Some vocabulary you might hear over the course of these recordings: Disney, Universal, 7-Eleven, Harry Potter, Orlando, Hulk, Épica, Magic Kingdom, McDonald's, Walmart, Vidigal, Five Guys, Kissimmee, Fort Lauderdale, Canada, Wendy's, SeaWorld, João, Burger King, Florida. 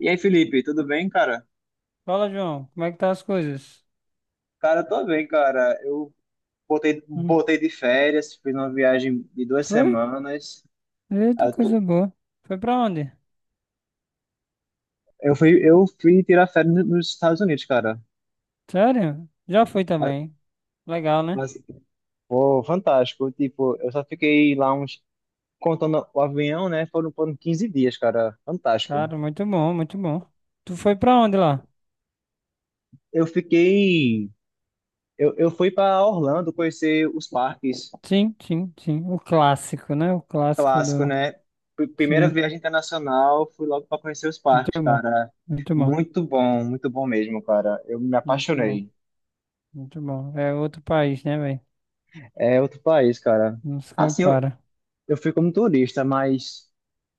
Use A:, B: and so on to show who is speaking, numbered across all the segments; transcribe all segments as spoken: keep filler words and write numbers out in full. A: E aí, Felipe, tudo bem, cara?
B: Fala, João. Como é que tá as coisas?
A: Cara, eu tô bem, cara. Eu botei,
B: Hum,
A: botei de férias, fiz uma viagem de duas
B: Foi?
A: semanas.
B: Eita,
A: Eu, tô-
B: coisa boa. Foi pra onde?
A: eu fui, eu fui tirar férias no- nos Estados Unidos, cara.
B: Sério? Já fui
A: Mas,
B: também. Legal, né?
A: mas, Pô, fantástico. Tipo, eu só fiquei lá uns, contando o avião, né? Foram, foram quinze dias, cara. Fantástico.
B: Cara, muito bom, muito bom. Tu foi pra onde lá?
A: Eu fiquei, eu, eu fui pra Orlando conhecer os parques.
B: Sim, sim, sim. O clássico, né? O clássico
A: Clássico,
B: do...
A: né? P- Primeira
B: Sim.
A: viagem internacional, fui logo para conhecer os
B: Muito
A: parques,
B: bom.
A: cara.
B: Muito bom.
A: Muito bom, muito bom mesmo, cara. Eu me
B: Muito bom.
A: apaixonei.
B: Muito bom. É outro país, né, velho?
A: É outro país, cara.
B: Não se
A: Assim, eu,
B: compara.
A: eu fui como turista, mas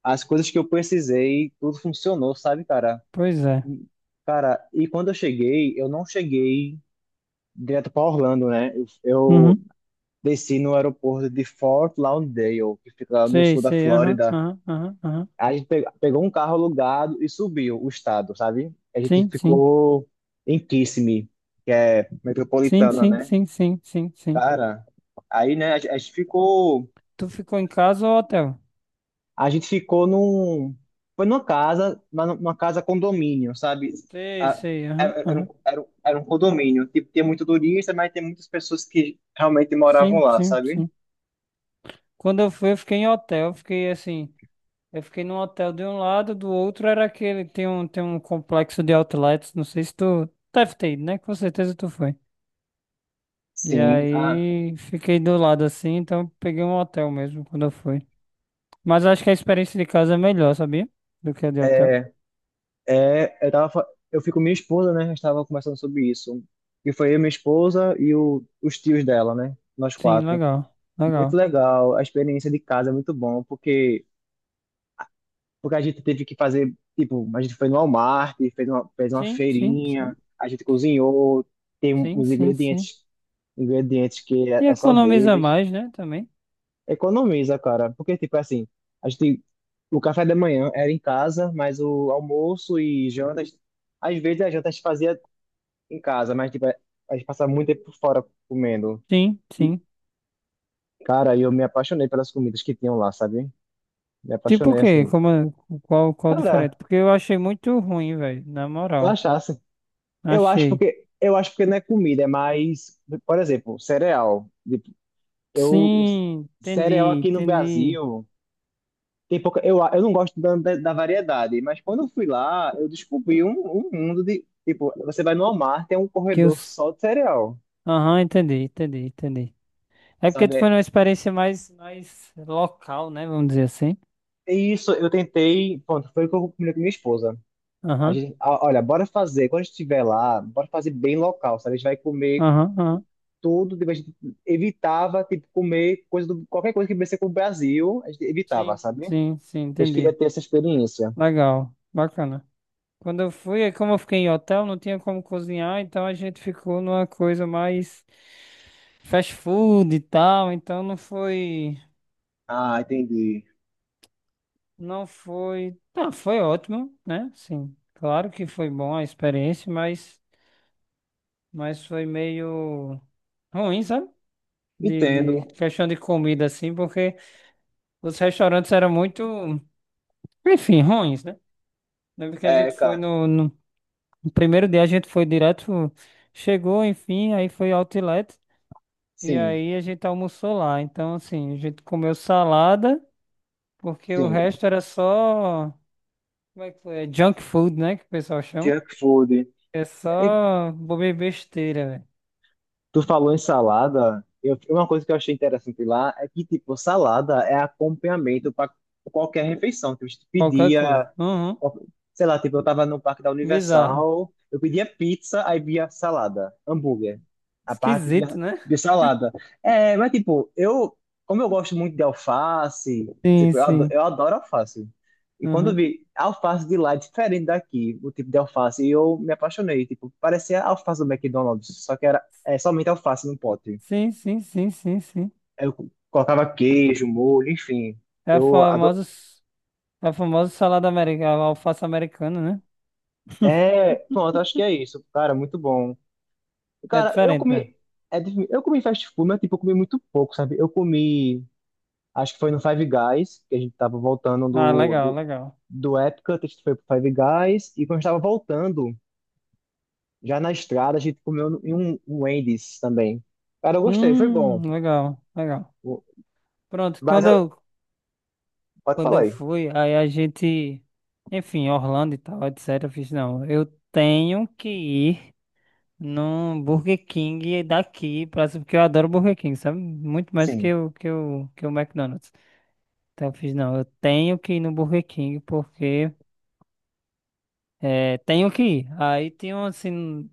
A: as coisas que eu precisei, tudo funcionou, sabe, cara?
B: Pois é.
A: E- Cara, e quando eu cheguei, eu não cheguei direto para Orlando, né? Eu,
B: Uhum.
A: eu desci no aeroporto de Fort Lauderdale, que fica lá no
B: Sei,
A: sul da
B: sei. Aham,
A: Flórida.
B: aham, aham, aham.
A: A gente pe- pegou um carro alugado e subiu o estado, sabe? A gente
B: Sim, sim.
A: ficou em Kissimmee, que é
B: Sim,
A: metropolitana,
B: sim,
A: né?
B: sim, sim, sim, sim.
A: Cara, aí, né, a gente a gente ficou,
B: Tu ficou em casa ou hotel?
A: a gente ficou num, foi numa casa, mas numa casa condomínio, sabe?
B: Sei,
A: A-
B: sei, aham,
A: Era era um,
B: aham.
A: era um, era um condomínio, tipo, tinha muito turista, mas tem muitas pessoas que realmente moravam
B: Sim,
A: lá,
B: sim,
A: sabe?
B: sim. Quando eu fui, eu fiquei em hotel, eu fiquei assim, eu fiquei num hotel de um lado, do outro era aquele, tem um, tem um, complexo de outlets, não sei se tu deve ter ido, né? Com certeza tu foi. E
A: Sim.
B: aí, fiquei do lado assim, então peguei um hotel mesmo quando eu fui. Mas acho que a experiência de casa é melhor, sabia? Do que a de hotel.
A: É, eu tava, fa- eu fico com minha esposa, né? A gente tava conversando sobre isso. E foi eu, minha esposa e o, os tios dela, né? Nós
B: Sim,
A: quatro.
B: legal,
A: Muito
B: legal.
A: legal. A experiência de casa é muito bom, porque, porque a gente teve que fazer, tipo, a gente foi no Walmart, fez uma, fez uma
B: Sim, sim, sim,
A: feirinha, a gente cozinhou, tem
B: sim,
A: uns
B: sim, sim.
A: ingredientes, ingredientes que é,
B: E
A: é só
B: economiza
A: deles.
B: mais, né, também.
A: Economiza, cara. Porque, tipo, assim, a gente, o café da manhã era em casa, mas o almoço e janta, às vezes a janta a gente fazia em casa, mas tipo, é, a gente passa muito tempo fora comendo.
B: Sim,
A: E,
B: sim.
A: cara, eu me apaixonei pelas comidas que tinham lá, sabe? Me
B: Tipo o
A: apaixonei
B: quê?
A: assim.
B: Como, é- qual, qual, diferente?
A: Cara,
B: Porque eu achei muito ruim, velho. Na
A: tu
B: moral.
A: achasse? Eu acho
B: Achei.
A: porque eu acho porque não é comida, é mais, por exemplo, cereal. Tipo, Eu
B: Sim, entendi,
A: cereal aqui no
B: entendi.
A: Brasil tem pouca. Eu, eu não gosto da, da da variedade, mas quando eu fui lá, eu descobri um, um mundo de tipo, você vai no Walmart, tem um
B: Que eu...
A: corredor
B: s-
A: só de cereal,
B: Aham, entendi, entendi, entendi. É porque tu foi
A: sabe?
B: numa experiência mais, mais local, né? Vamos dizer assim.
A: E isso eu tentei, pronto, foi o que eu combinei com minha esposa. A
B: Aham,
A: gente, a- olha, bora fazer, quando a gente estiver lá, bora fazer bem local, sabe? A gente vai comer
B: aham, aham.
A: tudo, tipo, a gente evitava, tipo, comer coisa do, qualquer coisa que viesse com o Brasil, a gente evitava,
B: Sim,
A: sabe?
B: sim, sim,
A: A gente queria
B: entendi.
A: ter essa experiência.
B: Legal, bacana. Quando eu fui, aí como eu fiquei em hotel, não tinha como cozinhar, então a gente ficou numa coisa mais fast food e tal, então não foi.
A: Ah, entendi.
B: Não foi. Não, foi ótimo, né? Sim. Claro que foi bom a experiência, mas, mas foi meio ruim, sabe? De, de
A: Entendo.
B: questão de comida, assim, porque os restaurantes eram muito, enfim, ruins, né? Lembro que a
A: É,
B: gente foi
A: cara,
B: no, no no primeiro dia, a gente foi direto, chegou, enfim, aí foi outlet, e
A: sim,
B: aí a gente almoçou lá. Então, assim, a gente comeu salada, porque o
A: sim.
B: resto era só, como é que foi? É junk food, né? Que o pessoal chama.
A: Junk food.
B: Eu
A: É,
B: só bobeira besteira, velho.
A: tu falou em salada, eu, uma coisa que eu achei interessante lá é que, tipo, salada é acompanhamento para qualquer refeição. Tipo, a gente
B: Qualquer coisa.
A: pedia
B: Uhum.
A: sei lá, tipo, eu tava no parque da
B: Bizarro.
A: Universal, eu pedia pizza, aí via salada, hambúrguer. A parte via,
B: Esquisito, né?
A: via salada. É, mas tipo, eu, como eu gosto muito de alface,
B: Sim,
A: tipo, eu adoro,
B: sim.
A: eu adoro alface. E quando eu
B: Uhum.
A: vi a alface de lá é diferente daqui, o tipo de alface, e eu me apaixonei, tipo, parecia a alface do McDonald's, só que era é, somente alface no pote.
B: Sim, sim, sim, sim, sim.
A: Aí Eu colocava queijo, molho, enfim.
B: É a
A: Eu adoro.
B: famosa, é a famosa salada americana, alface americana, né?
A: É, pronto, acho que é isso. Cara, muito bom.
B: É
A: Cara, eu
B: diferente mesmo.
A: comi. É, difí- eu comi fast food, mas tipo, eu comi muito pouco, sabe? Eu comi. Acho que foi no Five Guys, que a gente tava voltando
B: Ah,
A: do,
B: legal,
A: do,
B: legal.
A: do Épica, a gente foi pro Five Guys. E quando a gente tava voltando, já na estrada, a gente comeu no- em um, um Wendy's também. Cara, eu gostei, foi
B: Hum,
A: bom.
B: legal, legal.
A: O-
B: Pronto,
A: Mas
B: quando
A: eu-
B: eu,
A: Pode
B: quando
A: falar
B: eu
A: aí.
B: fui, aí a gente, enfim, Orlando e tal, etcétera. Eu fiz, não, eu tenho que ir. Num Burger King daqui, pra, porque eu adoro Burger King, sabe? Muito mais
A: Sim.
B: que o, que o, que o McDonald's. Então eu fiz, não, eu tenho que ir no Burger King porque é, tenho que ir. Aí tem um assim.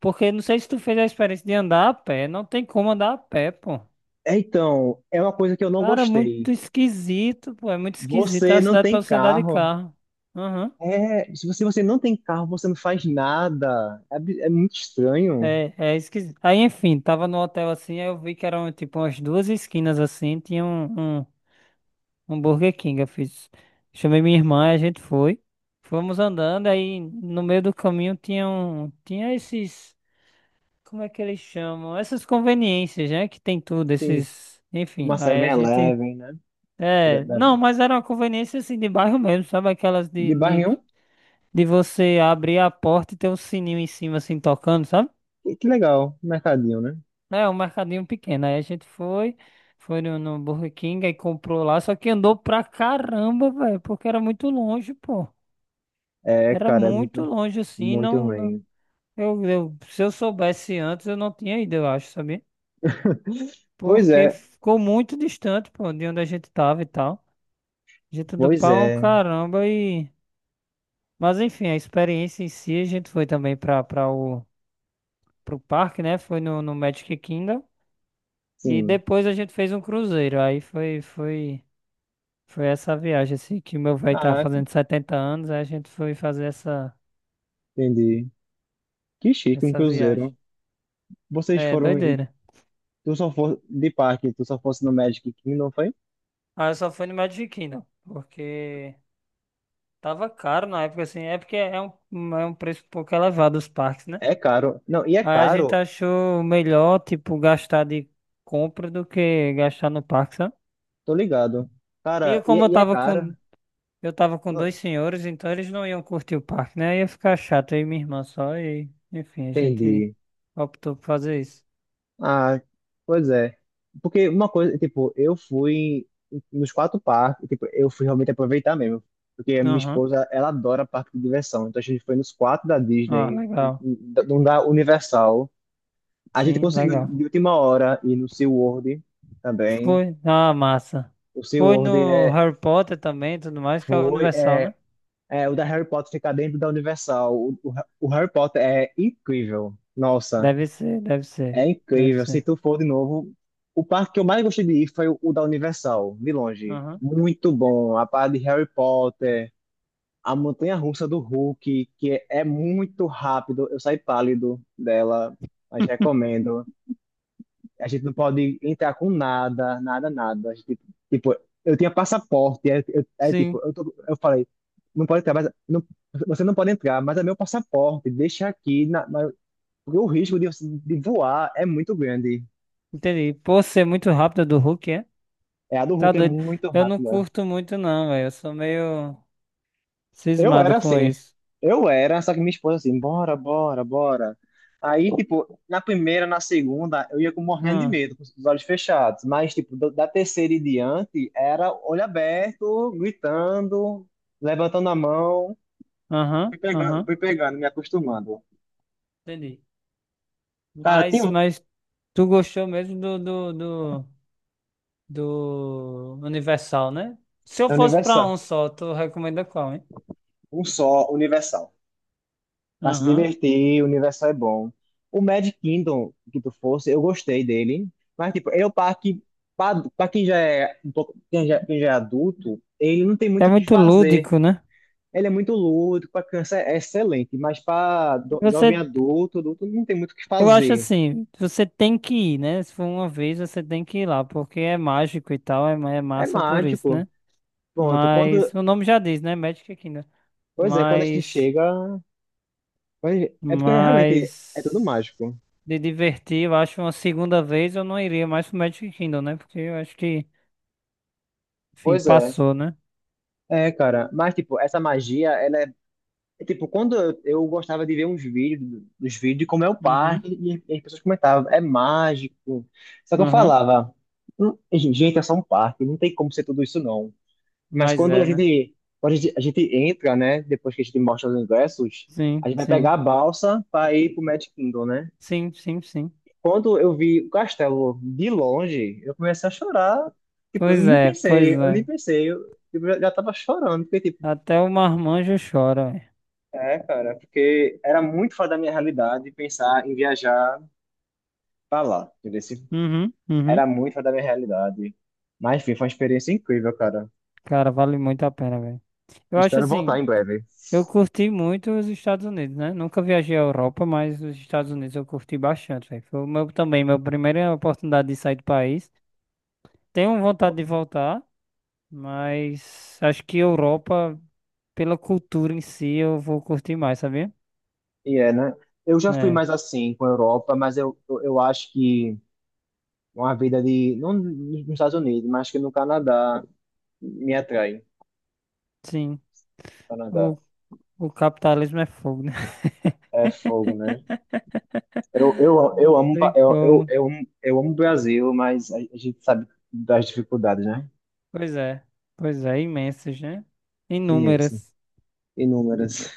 B: Porque não sei se tu fez a experiência de andar a pé, não tem como andar a pé, pô.
A: É, então, é uma coisa que eu não
B: Cara,
A: gostei.
B: muito esquisito, pô, é muito esquisito. É
A: Você
B: a
A: não
B: cidade pra
A: tem
B: você andar de
A: carro.
B: carro. Aham.
A: É, se você, você não tem carro, você não faz nada. É, bi- é muito estranho.
B: É, é esquisito. Aí, enfim, tava no hotel assim, aí eu vi que eram tipo umas duas esquinas assim, tinha um, um- Um Burger King, eu fiz. Chamei minha irmã, a gente foi. Fomos andando, aí no meio do caminho tinha um, tinha esses, como é que eles chamam? Essas conveniências, né? Que tem tudo, esses, enfim,
A: Uma
B: aí a gente,
A: 7-Eleven, né? Pra-
B: é,
A: da-
B: não, mas era uma conveniência assim de bairro mesmo, sabe? Aquelas de,
A: De
B: de,
A: barra um,
B: de você abrir a porta e ter um sininho em cima assim tocando, sabe?
A: que, que legal, mercadinho, né?
B: É, um mercadinho pequeno. Aí a gente foi, foi, no, no Burger King, aí comprou lá, só que andou pra caramba, velho, porque era muito longe, pô.
A: É,
B: Era
A: cara, é
B: muito
A: muito,
B: longe assim,
A: muito
B: não, não.
A: ruim.
B: Eu, eu- se eu soubesse antes, eu não tinha ido, eu acho, sabia?
A: Pois
B: Porque
A: é,
B: ficou muito distante, pô, de onde a gente tava e tal. A gente andou
A: pois
B: pra um
A: é,
B: caramba e... Mas enfim, a experiência em si, a gente foi também pra, pra o, pro parque, né? Foi no, no, Magic Kingdom. E
A: sim.
B: depois a gente fez um cruzeiro. Aí foi, foi, foi essa viagem, assim, que meu velho tava
A: Ah,
B: fazendo setenta anos, aí a gente foi fazer essa,
A: entendi. Que chique, um
B: essa viagem.
A: cruzeiro. Vocês
B: É,
A: foram, em-
B: doideira.
A: tu só for de parque, tu só fosse no Magic Kingdom, não foi?
B: Ah, eu só fui no Magic Kingdom, porque tava caro na época, assim, é porque é um, é um preço um pouco elevado os parques, né?
A: É caro. Não, e é
B: Aí a gente
A: caro,
B: achou melhor, tipo, gastar de compra do que gastar no parque, sabe?
A: tô ligado.
B: E
A: Cara,
B: eu,
A: e,
B: como eu
A: e é
B: tava
A: caro.
B: com, eu tava com dois
A: Não,
B: senhores, então eles não iam curtir o parque, né? Ia ficar chato, aí minha irmã só, e enfim, a gente
A: entendi.
B: optou por fazer isso.
A: Ah, pois é. Porque uma coisa, tipo, eu fui nos quatro parques, tipo, eu fui realmente aproveitar mesmo. Porque a minha
B: Aham,
A: esposa, ela adora parque de diversão. Então a gente foi nos quatro da
B: ah,
A: Disney,
B: legal.
A: não da Universal. A gente
B: Sim,
A: conseguiu
B: legal.
A: de última hora ir no SeaWorld também.
B: Foi, ah, massa.
A: O
B: Foi
A: SeaWorld
B: no
A: é,
B: Harry Potter também, e tudo mais, que é o
A: foi,
B: Universal,
A: é,
B: né?
A: é, o da Harry Potter ficar dentro da Universal. O, o, o Harry Potter é incrível. Nossa.
B: Deve ser, deve ser,
A: É
B: deve
A: incrível. Se
B: ser.
A: tu for de novo, o parque que eu mais gostei de ir foi o o da Universal, de longe.
B: Aham.
A: Muito bom. A parte de Harry Potter, a montanha-russa do Hulk, que é é muito rápido. Eu saí pálido dela, mas recomendo. A gente não pode entrar com nada, nada, nada. A gente, tipo, eu tinha passaporte, é, eu- é tipo,
B: Sim,
A: eu, tô- eu falei, não pode entrar, mas não, você não pode entrar, mas é meu passaporte, deixa aqui, na, mas- Porque o risco de, você- de voar é muito grande.
B: entendi. Por ser muito rápido do Hulk, é?
A: É, a do
B: Tá
A: Hulk é
B: doido.
A: muito
B: Eu não
A: rápida.
B: curto muito, não, velho. Eu sou meio
A: Eu
B: cismado
A: era
B: com
A: assim.
B: isso.
A: Eu era, só que minha esposa assim, bora, bora, bora. Aí, tipo, na primeira, na segunda, eu ia com morrendo de
B: Ah,
A: medo, com os olhos fechados. Mas, tipo, do- da terceira em diante, era olho aberto, gritando, levantando a mão.
B: aham,
A: Fui pegando,
B: aham.
A: fui pegando, me acostumando.
B: Entendi.
A: Cara, tem
B: Mas,
A: um...
B: mas tu gostou mesmo do, do, do, do Universal, né? Se eu
A: É
B: fosse pra
A: universal.
B: um só, tu recomenda qual, hein?
A: Um só, universal. Pra se
B: Aham.
A: divertir, o universo é bom. O Magic Kingdom, que tu fosse, eu gostei dele. Mas, tipo, ele é o parque. Pra, pra quem já é um pouco, quem já, quem já é adulto, ele não tem muito
B: É
A: o que
B: muito
A: fazer.
B: lúdico, né?
A: Ele é muito lúdico, pra criança é excelente, mas pra do- jovem
B: Você
A: adulto, adulto não tem muito o que
B: Eu acho
A: fazer.
B: assim, você tem que ir, né? Se for uma vez, você tem que ir lá, porque é mágico e tal, é, ma- é
A: É
B: massa por isso,
A: mágico.
B: né?
A: Pronto, quando.
B: Mas o nome já diz, né? Magic Kingdom.
A: Pois é, quando a gente
B: Mas,
A: chega. quando a gente- É porque realmente é tudo
B: mas
A: mágico.
B: de divertir, eu acho uma segunda vez eu não iria mais pro Magic Kingdom, né? Porque eu acho que, enfim,
A: Pois é.
B: passou, né?
A: É, cara, mas tipo, essa magia, ela é É tipo, quando eu, eu gostava de ver uns vídeos, dos vídeos de como é o
B: Uhum,
A: parque, e, e as pessoas comentavam, é mágico. Só que eu
B: uhum.
A: falava, "Hum, gente, é só um parque, não tem como ser tudo isso não." Mas
B: Mas
A: quando
B: é,
A: a
B: né?
A: gente, quando a gente, a gente entra, né, depois que a gente mostra os ingressos, a
B: Sim,
A: gente vai
B: sim,
A: pegar a balsa para ir pro Magic Kingdom, né?
B: sim, sim, sim.
A: Quando eu vi o castelo de longe, eu comecei a chorar. Tipo, eu
B: Pois
A: nem
B: é, pois
A: pensei, eu
B: é.
A: nem pensei, eu, tipo, já, já tava chorando, porque, tipo,
B: Até o marmanjo chora, ué.
A: é, cara, porque era muito fora da minha realidade pensar em viajar pra lá, entendeu?
B: Uhum, uhum.
A: Era muito fora da minha realidade. Mas, enfim, foi uma experiência incrível, cara.
B: Cara, vale muito a pena, velho. Eu acho
A: Espero voltar
B: assim,
A: em breve.
B: eu curti muito os Estados Unidos, né? Nunca viajei à Europa, mas os Estados Unidos eu curti bastante, velho. Foi o meu também, minha primeira oportunidade de sair do país. Tenho vontade de voltar, mas acho que Europa, pela cultura em si, eu vou curtir mais, sabia?
A: E é, né? Eu já fui
B: É,
A: mais assim com a Europa, mas eu, eu, eu acho que uma vida de... Não nos Estados Unidos, mas que no Canadá me atrai.
B: sim. O,
A: Canadá.
B: o capitalismo é fogo, né?
A: É fogo, né? Eu, eu, eu
B: Não
A: amo, pa-
B: tem
A: eu, eu,
B: como.
A: eu, amo- eu amo o Brasil, mas a a gente sabe das dificuldades, né?
B: Pois é. Pois é, imensas, né?
A: Imenso.
B: Inúmeras.
A: Inúmeras.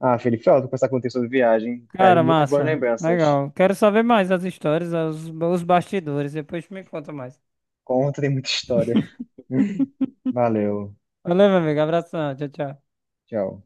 A: Ah, Felipe, foi ótimo conversar contigo sobre viagem. Viagem,
B: Cara,
A: muitas boas
B: massa.
A: lembranças.
B: Legal. Quero saber mais as histórias, os, os bastidores. Depois tu me conta mais.
A: Conta, tem muita história. Valeu.
B: Valeu, meu amigo. Abração. Tchau, tchau.
A: Tchau.